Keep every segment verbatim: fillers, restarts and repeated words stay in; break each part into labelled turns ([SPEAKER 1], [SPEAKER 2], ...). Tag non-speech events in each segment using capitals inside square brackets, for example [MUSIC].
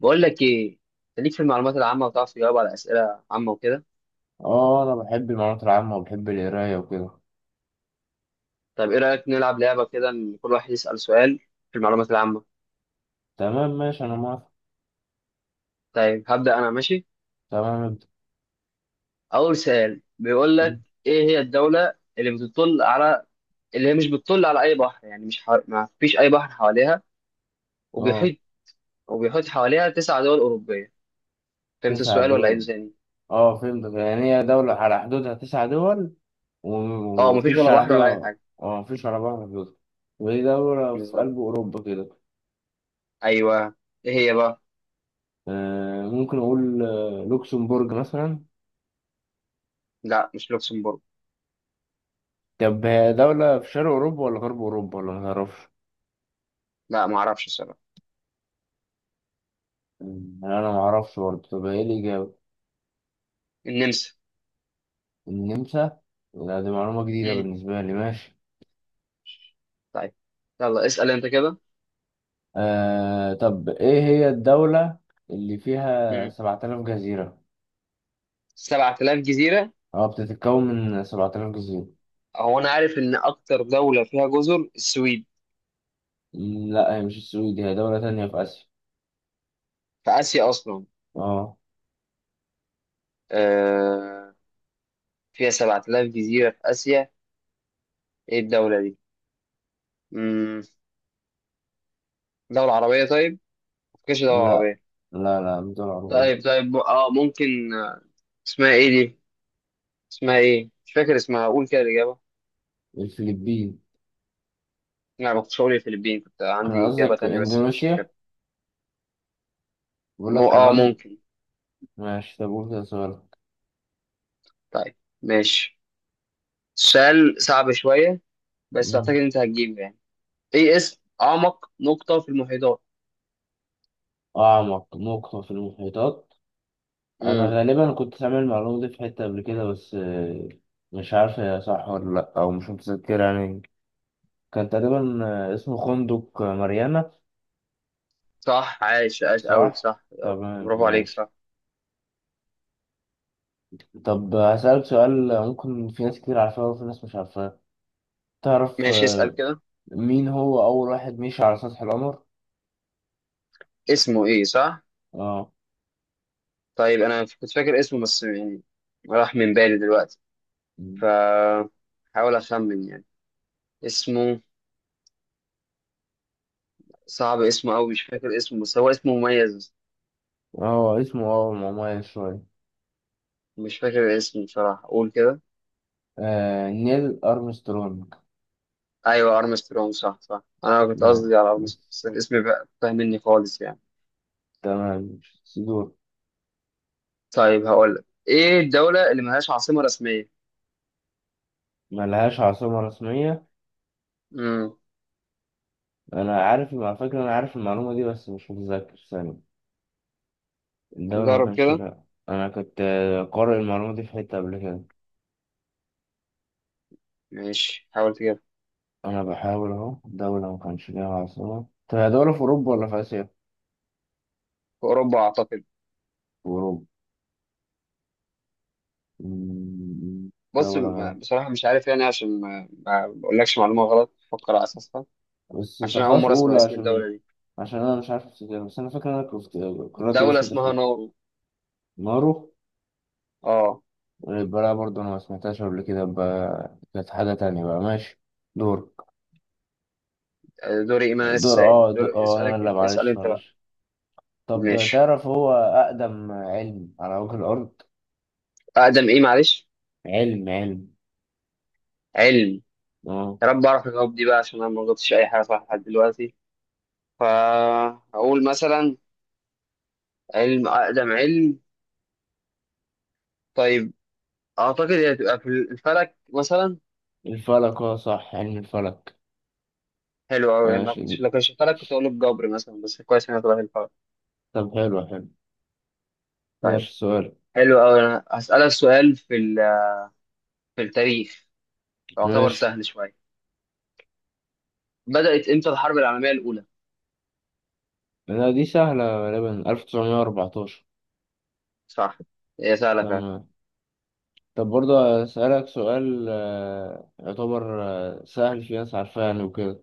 [SPEAKER 1] بقول لك ايه. انت ليك في المعلومات العامه، وتعرف تجاوب على اسئله عامه وكده.
[SPEAKER 2] اه انا بحب المعلومات العامة وبحب القراية وكده.
[SPEAKER 1] طيب، ايه رايك نلعب لعبه كده، ان كل واحد يسال سؤال في المعلومات العامه.
[SPEAKER 2] تمام، ماشي، انا موافق.
[SPEAKER 1] طيب هبدا انا، ماشي.
[SPEAKER 2] تمام، ابدأ.
[SPEAKER 1] اول سؤال بيقول لك: ايه هي الدوله اللي بتطل على، اللي هي مش بتطل على اي بحر، يعني مش حو... ما فيش اي بحر حواليها،
[SPEAKER 2] اه،
[SPEAKER 1] وبيحيط وبيحيط حواليها تسع دول اوروبيه. فهمت
[SPEAKER 2] تسع
[SPEAKER 1] السؤال ولا
[SPEAKER 2] دول.
[SPEAKER 1] عيده تاني؟
[SPEAKER 2] اه، فهمت، يعني هي دولة على حدودها تسع دول. و-
[SPEAKER 1] اه، ما فيش
[SPEAKER 2] ومفيش
[SPEAKER 1] ولا
[SPEAKER 2] على
[SPEAKER 1] بحر ولا اي
[SPEAKER 2] حدودها.
[SPEAKER 1] حاجه.
[SPEAKER 2] اه، مفيش على بعض حدودها، وهي دولة في
[SPEAKER 1] بالظبط.
[SPEAKER 2] قلب أوروبا كده.
[SPEAKER 1] ايوه. ايه هي بقى؟
[SPEAKER 2] آه ممكن أقول آه، لوكسمبورج مثلا.
[SPEAKER 1] لا، مش لوكسمبورغ.
[SPEAKER 2] طب هي دولة في شرق أوروبا ولا غرب أوروبا ولا متعرفش؟
[SPEAKER 1] لا، ما اعرفش الصراحه.
[SPEAKER 2] مم، أنا معرفش برضه، طب هي الإجابة
[SPEAKER 1] النمسا.
[SPEAKER 2] النمسا؟ لا، دي معلومة جديدة
[SPEAKER 1] مم.
[SPEAKER 2] بالنسبة لي، ماشي.
[SPEAKER 1] طيب. يلا اسأل انت كده.
[SPEAKER 2] آه طب إيه هي الدولة اللي فيها
[SPEAKER 1] امم
[SPEAKER 2] سبعة آلاف جزيرة؟
[SPEAKER 1] سبعة آلاف جزيرة؟
[SPEAKER 2] أه، بتتكون من سبعة آلاف جزيرة.
[SPEAKER 1] هو انا عارف ان اكتر دولة فيها جزر السويد.
[SPEAKER 2] مم، لا، هي مش السويد، هي دولة تانية في آسيا.
[SPEAKER 1] في اسيا اصلا؟
[SPEAKER 2] أه.
[SPEAKER 1] آه، فيها سبع تلاف جزيرة في اسيا. ايه الدولة دي؟ امم دولة عربية؟ طيب، مفيش دولة
[SPEAKER 2] لا،
[SPEAKER 1] عربية.
[SPEAKER 2] لا، لا، مش دولة عربية.
[SPEAKER 1] طيب طيب، م- اه، ممكن آه، اسمها ايه دي؟ اسمها ايه؟ مش فاكر اسمها، قول كده الإجابة.
[SPEAKER 2] الفلبين.
[SPEAKER 1] لا، ما كنتش هقول الفلبين، كنت
[SPEAKER 2] كان
[SPEAKER 1] عندي إجابة
[SPEAKER 2] قصدك
[SPEAKER 1] تانية بس مش فاكر.
[SPEAKER 2] إندونيسيا؟ بقول
[SPEAKER 1] مو...
[SPEAKER 2] لك كان
[SPEAKER 1] اه،
[SPEAKER 2] قصدك.
[SPEAKER 1] ممكن.
[SPEAKER 2] ماشي، طب قول كده سؤالك.
[SPEAKER 1] طيب، ماشي. السؤال صعب شوية، بس أعتقد
[SPEAKER 2] مم.
[SPEAKER 1] أنت هتجيبه يعني. ايه اسم اعمق نقطة في المحيطات؟
[SPEAKER 2] أعمق نقطة في المحيطات. أنا
[SPEAKER 1] امم.
[SPEAKER 2] غالبا كنت سامع المعلومة دي في حتة قبل كده، بس آه، مش عارف هي صح ولا لأ، أو مش متذكر يعني. كان تقريبا آه، اسمه خندق ماريانا.
[SPEAKER 1] صح، عاش عاش قوي،
[SPEAKER 2] صح،
[SPEAKER 1] صح.
[SPEAKER 2] تمام،
[SPEAKER 1] برافو عليك،
[SPEAKER 2] ماشي.
[SPEAKER 1] صح.
[SPEAKER 2] طب هسألك سؤال، ممكن في ناس كتير عارفاه وفي ناس مش عارفاه. تعرف
[SPEAKER 1] ماشي، اسأل
[SPEAKER 2] آه،
[SPEAKER 1] كده.
[SPEAKER 2] مين هو أول واحد مشي على سطح القمر؟
[SPEAKER 1] اسمه ايه؟ صح.
[SPEAKER 2] اه.
[SPEAKER 1] طيب انا كنت فاكر اسمه بس يعني راح من بالي دلوقتي، ف حاول اخمن يعني. اسمه. صعب اسمه قوي، مش فاكر اسمه، بس هو اسمه مميز.
[SPEAKER 2] اه، اسمه اه مميز شوية.
[SPEAKER 1] مش فاكر اسمه بصراحة، قول كده.
[SPEAKER 2] آه نيل أرمسترونج.
[SPEAKER 1] ايوه، ارمسترونج، صح صح، انا كنت
[SPEAKER 2] ماشي،
[SPEAKER 1] قصدي على ارمسترونج بس الاسم بقى فاهم مني خالص يعني.
[SPEAKER 2] تمام سيدور.
[SPEAKER 1] طيب هقول لك: ايه الدولة اللي ملهاش عاصمة رسمية؟
[SPEAKER 2] ملهاش عاصمة رسمية.
[SPEAKER 1] امم
[SPEAKER 2] أنا عارف على فكرة، أنا عارف المعلومة دي بس مش متذكر ثانية. الدولة ما
[SPEAKER 1] جرب
[SPEAKER 2] كانش
[SPEAKER 1] كده.
[SPEAKER 2] لها. أنا كنت آه، قارئ المعلومة دي في حتة قبل كده.
[SPEAKER 1] ماشي، حاول تجيبها.
[SPEAKER 2] انا بحاول اهو، دولة ما كانش ليها عاصمة. طب هي دولة في اوروبا ولا في اسيا؟ في
[SPEAKER 1] في أوروبا أعتقد.
[SPEAKER 2] اوروبا. أمم.
[SPEAKER 1] بص،
[SPEAKER 2] دولة
[SPEAKER 1] م-
[SPEAKER 2] منهم،
[SPEAKER 1] بصراحة مش عارف يعني، عشان ما ما بقولكش معلومة غلط فكر على أساسها،
[SPEAKER 2] بس
[SPEAKER 1] عشان
[SPEAKER 2] طب
[SPEAKER 1] أول
[SPEAKER 2] خلاص
[SPEAKER 1] مرة أسمع
[SPEAKER 2] قول
[SPEAKER 1] اسم
[SPEAKER 2] عشان.
[SPEAKER 1] الدولة دي.
[SPEAKER 2] عشان انا مش عارف افتكر، بس انا فاكر إن انا كنت قرأت
[SPEAKER 1] دولة
[SPEAKER 2] الاسم ده في
[SPEAKER 1] اسمها
[SPEAKER 2] حتة.
[SPEAKER 1] نورو.
[SPEAKER 2] مارو.
[SPEAKER 1] أه.
[SPEAKER 2] يبقى لا، برضه انا ما سمعتهاش قبل كده، يبقى كانت حاجة تانية بقى. ماشي. دورك.
[SPEAKER 1] دوري إيه؟ ما أنا لسه
[SPEAKER 2] دور
[SPEAKER 1] سائل،
[SPEAKER 2] اه دور
[SPEAKER 1] دوري
[SPEAKER 2] اه انا
[SPEAKER 1] اسألك.
[SPEAKER 2] لا،
[SPEAKER 1] اسأل
[SPEAKER 2] معلش
[SPEAKER 1] أنت بقى.
[SPEAKER 2] معلش. طب
[SPEAKER 1] ماشي.
[SPEAKER 2] تعرف هو اقدم علم على وجه الارض؟
[SPEAKER 1] أقدم إيه؟ معلش.
[SPEAKER 2] علم، علم.
[SPEAKER 1] علم.
[SPEAKER 2] اه.
[SPEAKER 1] يا رب أعرف الجواب دي بقى، عشان أنا ما غلطتش أي حاجة صح لحد دلوقتي. فأقول مثلا علم، أقدم علم. طيب، أعتقد هي هتبقى في الفلك مثلا.
[SPEAKER 2] الفلك، اه صح، علم الفلك.
[SPEAKER 1] حلو أوي، أنا
[SPEAKER 2] ماشي.
[SPEAKER 1] كنت لو كنت شفت لك كنت أقول الجبر مثلا، بس كويس إنك رايح الفرق.
[SPEAKER 2] طب حلو حلو.
[SPEAKER 1] طيب.
[SPEAKER 2] ماشي سؤال.
[SPEAKER 1] حلو أوي، أنا هسألك سؤال في ال- في التاريخ، يعتبر
[SPEAKER 2] ماشي.
[SPEAKER 1] سهل شوية. بدأت إمتى الحرب العالمية الأولى؟
[SPEAKER 2] لا، دي سهلة غالبا، ألف وتسعمائة وأربعة عشر.
[SPEAKER 1] صح، هي سهلة فعلا.
[SPEAKER 2] تمام. طب برضه أسألك سؤال، آه، يعتبر آه، سهل، في ناس عارفاه يعني وكده.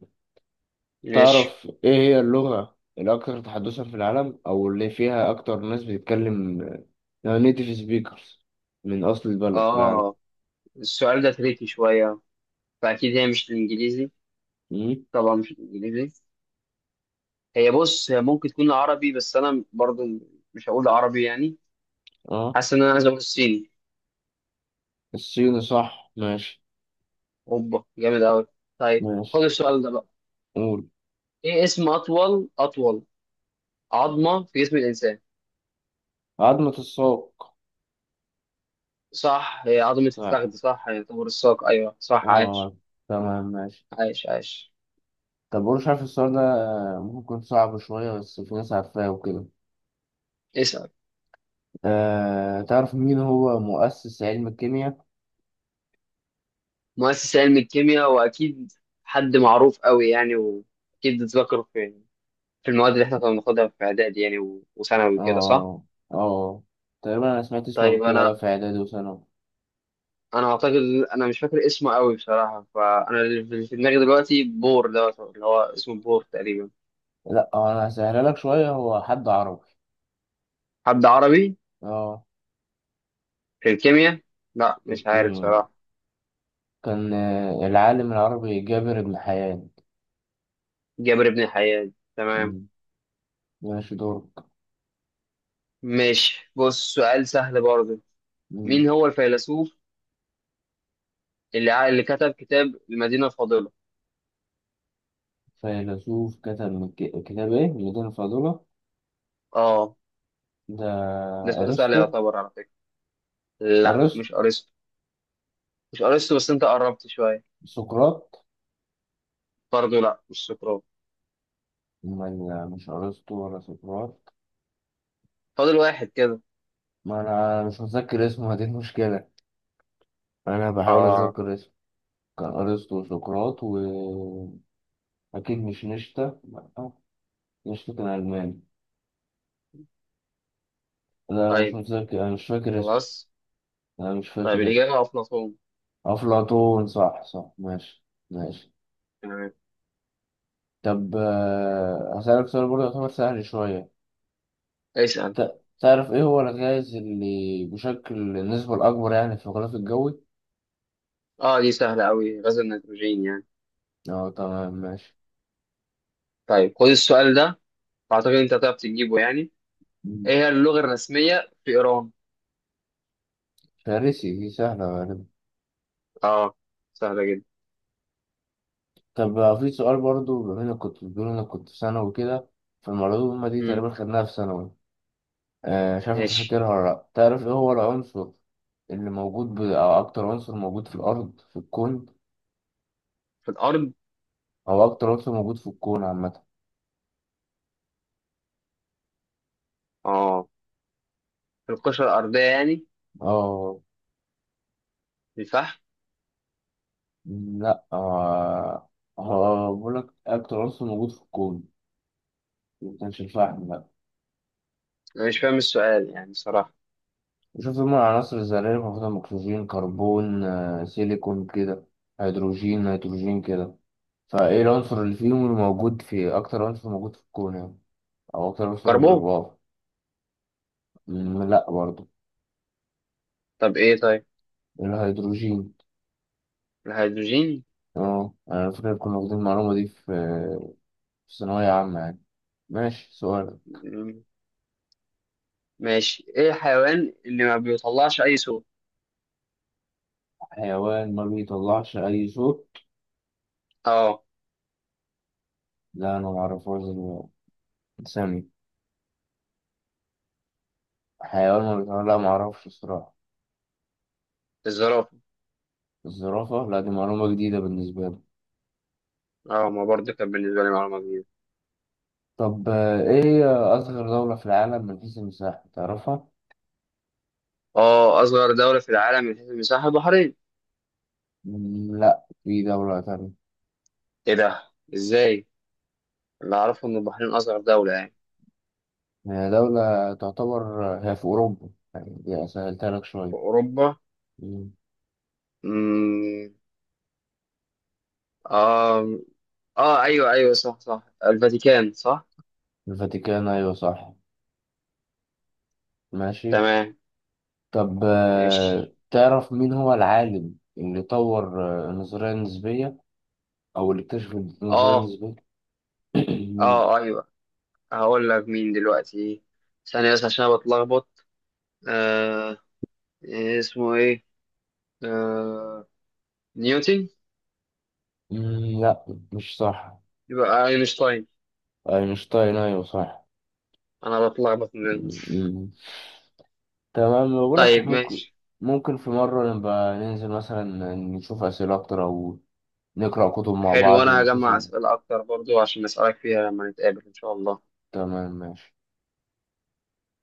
[SPEAKER 1] ماشي.
[SPEAKER 2] تعرف إيه هي اللغة الأكثر تحدثا في العالم، أو اللي فيها أكتر ناس بتتكلم نيتيف سبيكرز من أصل البلد في العالم؟
[SPEAKER 1] آه السؤال ده تريكي شوية، فأكيد هي مش الإنجليزي.
[SPEAKER 2] مم؟
[SPEAKER 1] طبعا مش الإنجليزي. هي بص، هي ممكن تكون عربي، بس أنا برضو مش هقول عربي يعني.
[SPEAKER 2] أه،
[SPEAKER 1] حاسس إن أنا عايز أقول الصيني.
[SPEAKER 2] الصيني، صح، ماشي.
[SPEAKER 1] أوبا، جامد أوي. طيب، خد
[SPEAKER 2] ماشي،
[SPEAKER 1] السؤال ده بقى.
[SPEAKER 2] قول.
[SPEAKER 1] إيه اسم أطول، أطول عظمة في جسم الإنسان؟
[SPEAKER 2] عظمة الساق.
[SPEAKER 1] صح، هي عظمة الفخذ،
[SPEAKER 2] صح،
[SPEAKER 1] صح يعتبر الساق، أيوه صح، عاش
[SPEAKER 2] أه، تمام، ماشي.
[SPEAKER 1] عاش عاش.
[SPEAKER 2] طب وانا مش عارف السؤال ده، آه، ممكن يكون صعب شوية، بس في ناس عارفاه وكده.
[SPEAKER 1] اسأل.
[SPEAKER 2] أه تعرف مين هو مؤسس علم الكيمياء؟
[SPEAKER 1] مؤسس علم الكيمياء، وأكيد حد معروف قوي يعني، وأكيد اتذكر في في المواد اللي إحنا كنا بناخدها في إعدادي يعني و- وثانوي وكده، صح.
[SPEAKER 2] اه، اه، تقريبا أنا سمعت اسمه قبل
[SPEAKER 1] طيب
[SPEAKER 2] كده، أيوة
[SPEAKER 1] أنا
[SPEAKER 2] في إعدادي وثانوي.
[SPEAKER 1] أنا أعتقد. أنا مش فاكر اسمه قوي بصراحة، فأنا اللي في دماغي دلوقتي بور دوت، اللي هو اسمه بور تقريبا.
[SPEAKER 2] لأ، هو أنا هسهلها لك شوية، هو حد عربي.
[SPEAKER 1] حد عربي؟
[SPEAKER 2] اه،
[SPEAKER 1] في الكيمياء؟ لا،
[SPEAKER 2] في
[SPEAKER 1] مش عارف
[SPEAKER 2] الكيمياء.
[SPEAKER 1] صراحة.
[SPEAKER 2] كان آه، العالم العربي جابر بن حيان.
[SPEAKER 1] جابر بن حيان، تمام.
[SPEAKER 2] مم. ماشي، دورك.
[SPEAKER 1] ماشي، بص سؤال سهل برضه.
[SPEAKER 2] مم.
[SPEAKER 1] مين هو الفيلسوف اللي ع- اللي كتب كتاب المدينة الفاضلة؟
[SPEAKER 2] فيلسوف كتب من ك- كتاب إيه؟ ميدان الفاضلة.
[SPEAKER 1] اه،
[SPEAKER 2] ده.
[SPEAKER 1] ده سؤال سهل
[SPEAKER 2] أرسطو.
[SPEAKER 1] يعتبر على فكرة. لا،
[SPEAKER 2] أرسطو.
[SPEAKER 1] مش أرسطو. مش أرسطو بس أنت قربت شوية.
[SPEAKER 2] سقراط.
[SPEAKER 1] برضه لا، مش سقراط.
[SPEAKER 2] ما- مش ارسطو ولا سقراط.
[SPEAKER 1] فاضل واحد كده.
[SPEAKER 2] ما انا مش متذكر اسمه، هذه المشكله. انا بحاول
[SPEAKER 1] اه.
[SPEAKER 2] اتذكر اسمه. كان ارسطو وسقراط، واكيد مش نشتا، لأ، نشتا كان الماني. لا، انا مش
[SPEAKER 1] طيب
[SPEAKER 2] متذكر، انا مش فاكر اسمه.
[SPEAKER 1] خلاص.
[SPEAKER 2] انا مش
[SPEAKER 1] طيب،
[SPEAKER 2] فاكر اسمه.
[SPEAKER 1] الإجابة أفلاطون.
[SPEAKER 2] افلاطون، صح، صح، ماشي. ماشي.
[SPEAKER 1] تمام.
[SPEAKER 2] طب آه، هسألك سؤال برضه يعتبر سهل شوية.
[SPEAKER 1] اسأل.
[SPEAKER 2] ت- تعرف ايه هو الغاز اللي بشكل النسبة الأكبر يعني في الغلاف الجوي؟
[SPEAKER 1] اه، دي سهلة أوي، غاز النيتروجين يعني.
[SPEAKER 2] اه، تمام، ماشي.
[SPEAKER 1] طيب خد السؤال ده، أعتقد أنت هتعرف تجيبه يعني. إيه
[SPEAKER 2] مم.
[SPEAKER 1] هي اللغة الرسمية في إيران؟
[SPEAKER 2] فارسي، دي سهلة غالبا.
[SPEAKER 1] اه، سهلة جدا.
[SPEAKER 2] طب آه، في سؤال برضو، بما انك كنت بتقول انك كنت في ثانوي كده، فالمعلومة دي
[SPEAKER 1] مم.
[SPEAKER 2] تقريبا خدناها في ثانوي. آه، مش عارف انت
[SPEAKER 1] ماشي.
[SPEAKER 2] فاكرها ولا لأ. تعرف ايه هو العنصر اللي موجود ب... او اكتر عنصر موجود في الارض، في الكون؟
[SPEAKER 1] في الأرض؟
[SPEAKER 2] او اكتر عنصر موجود في الكون عامة.
[SPEAKER 1] اه، القشرة الأرضية يعني.
[SPEAKER 2] اه.
[SPEAKER 1] الفحم.
[SPEAKER 2] لا، آه، هو بقول لك اكتر عنصر موجود في الكون، ما كانش الفحم، لا.
[SPEAKER 1] أنا مش فاهم السؤال يعني صراحة.
[SPEAKER 2] شوف، هما العناصر الذرية المفروض اكسجين، كربون، آه، سيليكون كده، هيدروجين، نيتروجين كده. فايه العنصر اللي فيهم، اللي موجود في اكتر عنصر موجود في الكون يعني، او اكتر عنصر،
[SPEAKER 1] كربون.
[SPEAKER 2] واو. مم، لا، برضه.
[SPEAKER 1] طب إيه؟ طيب،
[SPEAKER 2] الهيدروجين.
[SPEAKER 1] الهيدروجين.
[SPEAKER 2] اه، انا فاكر كنا واخدين المعلومة دي في في ثانوية عامة يعني. ماشي سؤال.
[SPEAKER 1] مم، ماشي. إيه الحيوان اللي ما بيطلعش أي صوت؟
[SPEAKER 2] حيوان ما بيطلعش اي صوت.
[SPEAKER 1] أه.
[SPEAKER 2] لا، انا معرفهاش دي. ثاني، حيوان ما بيطلعش. لا، معرفش الصراحة.
[SPEAKER 1] الزرافة.
[SPEAKER 2] الزرافة، لا دي معلومة جديدة بالنسبة لي.
[SPEAKER 1] أه، ما برضه كانت بالنسبة لي معلومة جديدة.
[SPEAKER 2] طب آه، ايه هي اصغر دولة في العالم من حيث المساحة، تعرفها؟
[SPEAKER 1] أه، أصغر دولة في العالم من حيث المساحة، البحرين.
[SPEAKER 2] مم، لا، في دولة تانية.
[SPEAKER 1] إيه ده، إزاي؟ اللي أعرفه إن البحرين أصغر دولة يعني.
[SPEAKER 2] هي دولة تعتبر، آه، هي في أوروبا، يعني دي سهلتها لك شوية.
[SPEAKER 1] في أوروبا؟
[SPEAKER 2] مم.
[SPEAKER 1] مم. أه. أه، أيوه أيوه، صح صح، الفاتيكان، صح.
[SPEAKER 2] الفاتيكان، أيوة صح. ماشي.
[SPEAKER 1] تمام،
[SPEAKER 2] طب آه،
[SPEAKER 1] ماشي.
[SPEAKER 2] تعرف مين هو العالم اللي طور آه، النظرية النسبية، أو اللي اكتشف النظرية
[SPEAKER 1] أه
[SPEAKER 2] النسبية؟ [COUGHS] [CLEARS THROAT]
[SPEAKER 1] أه،
[SPEAKER 2] مم.
[SPEAKER 1] آه، أيوه. هقول لك مين دلوقتي، ثانية بس عشان أنا بتلخبط. آه إيه اسمه، إيه؟ آه نيوتن.
[SPEAKER 2] مم، لا، مش صح.
[SPEAKER 1] يبقى أينشتاين.
[SPEAKER 2] أينشتاين، أيوة صح.
[SPEAKER 1] أنا بتلخبط من.
[SPEAKER 2] مم. تمام، بقول لك
[SPEAKER 1] طيب
[SPEAKER 2] إحنا ممكن
[SPEAKER 1] ماشي.
[SPEAKER 2] ممكن في مرة نبقى ننزل مثلا، نشوف أسئلة أكتر، أو نقرأ كتب مع
[SPEAKER 1] حلو،
[SPEAKER 2] بعض،
[SPEAKER 1] أنا
[SPEAKER 2] نشوف.
[SPEAKER 1] هجمع أسئلة أكتر برضو عشان أسألك فيها لما نتقابل إن شاء الله.
[SPEAKER 2] تمام، ماشي.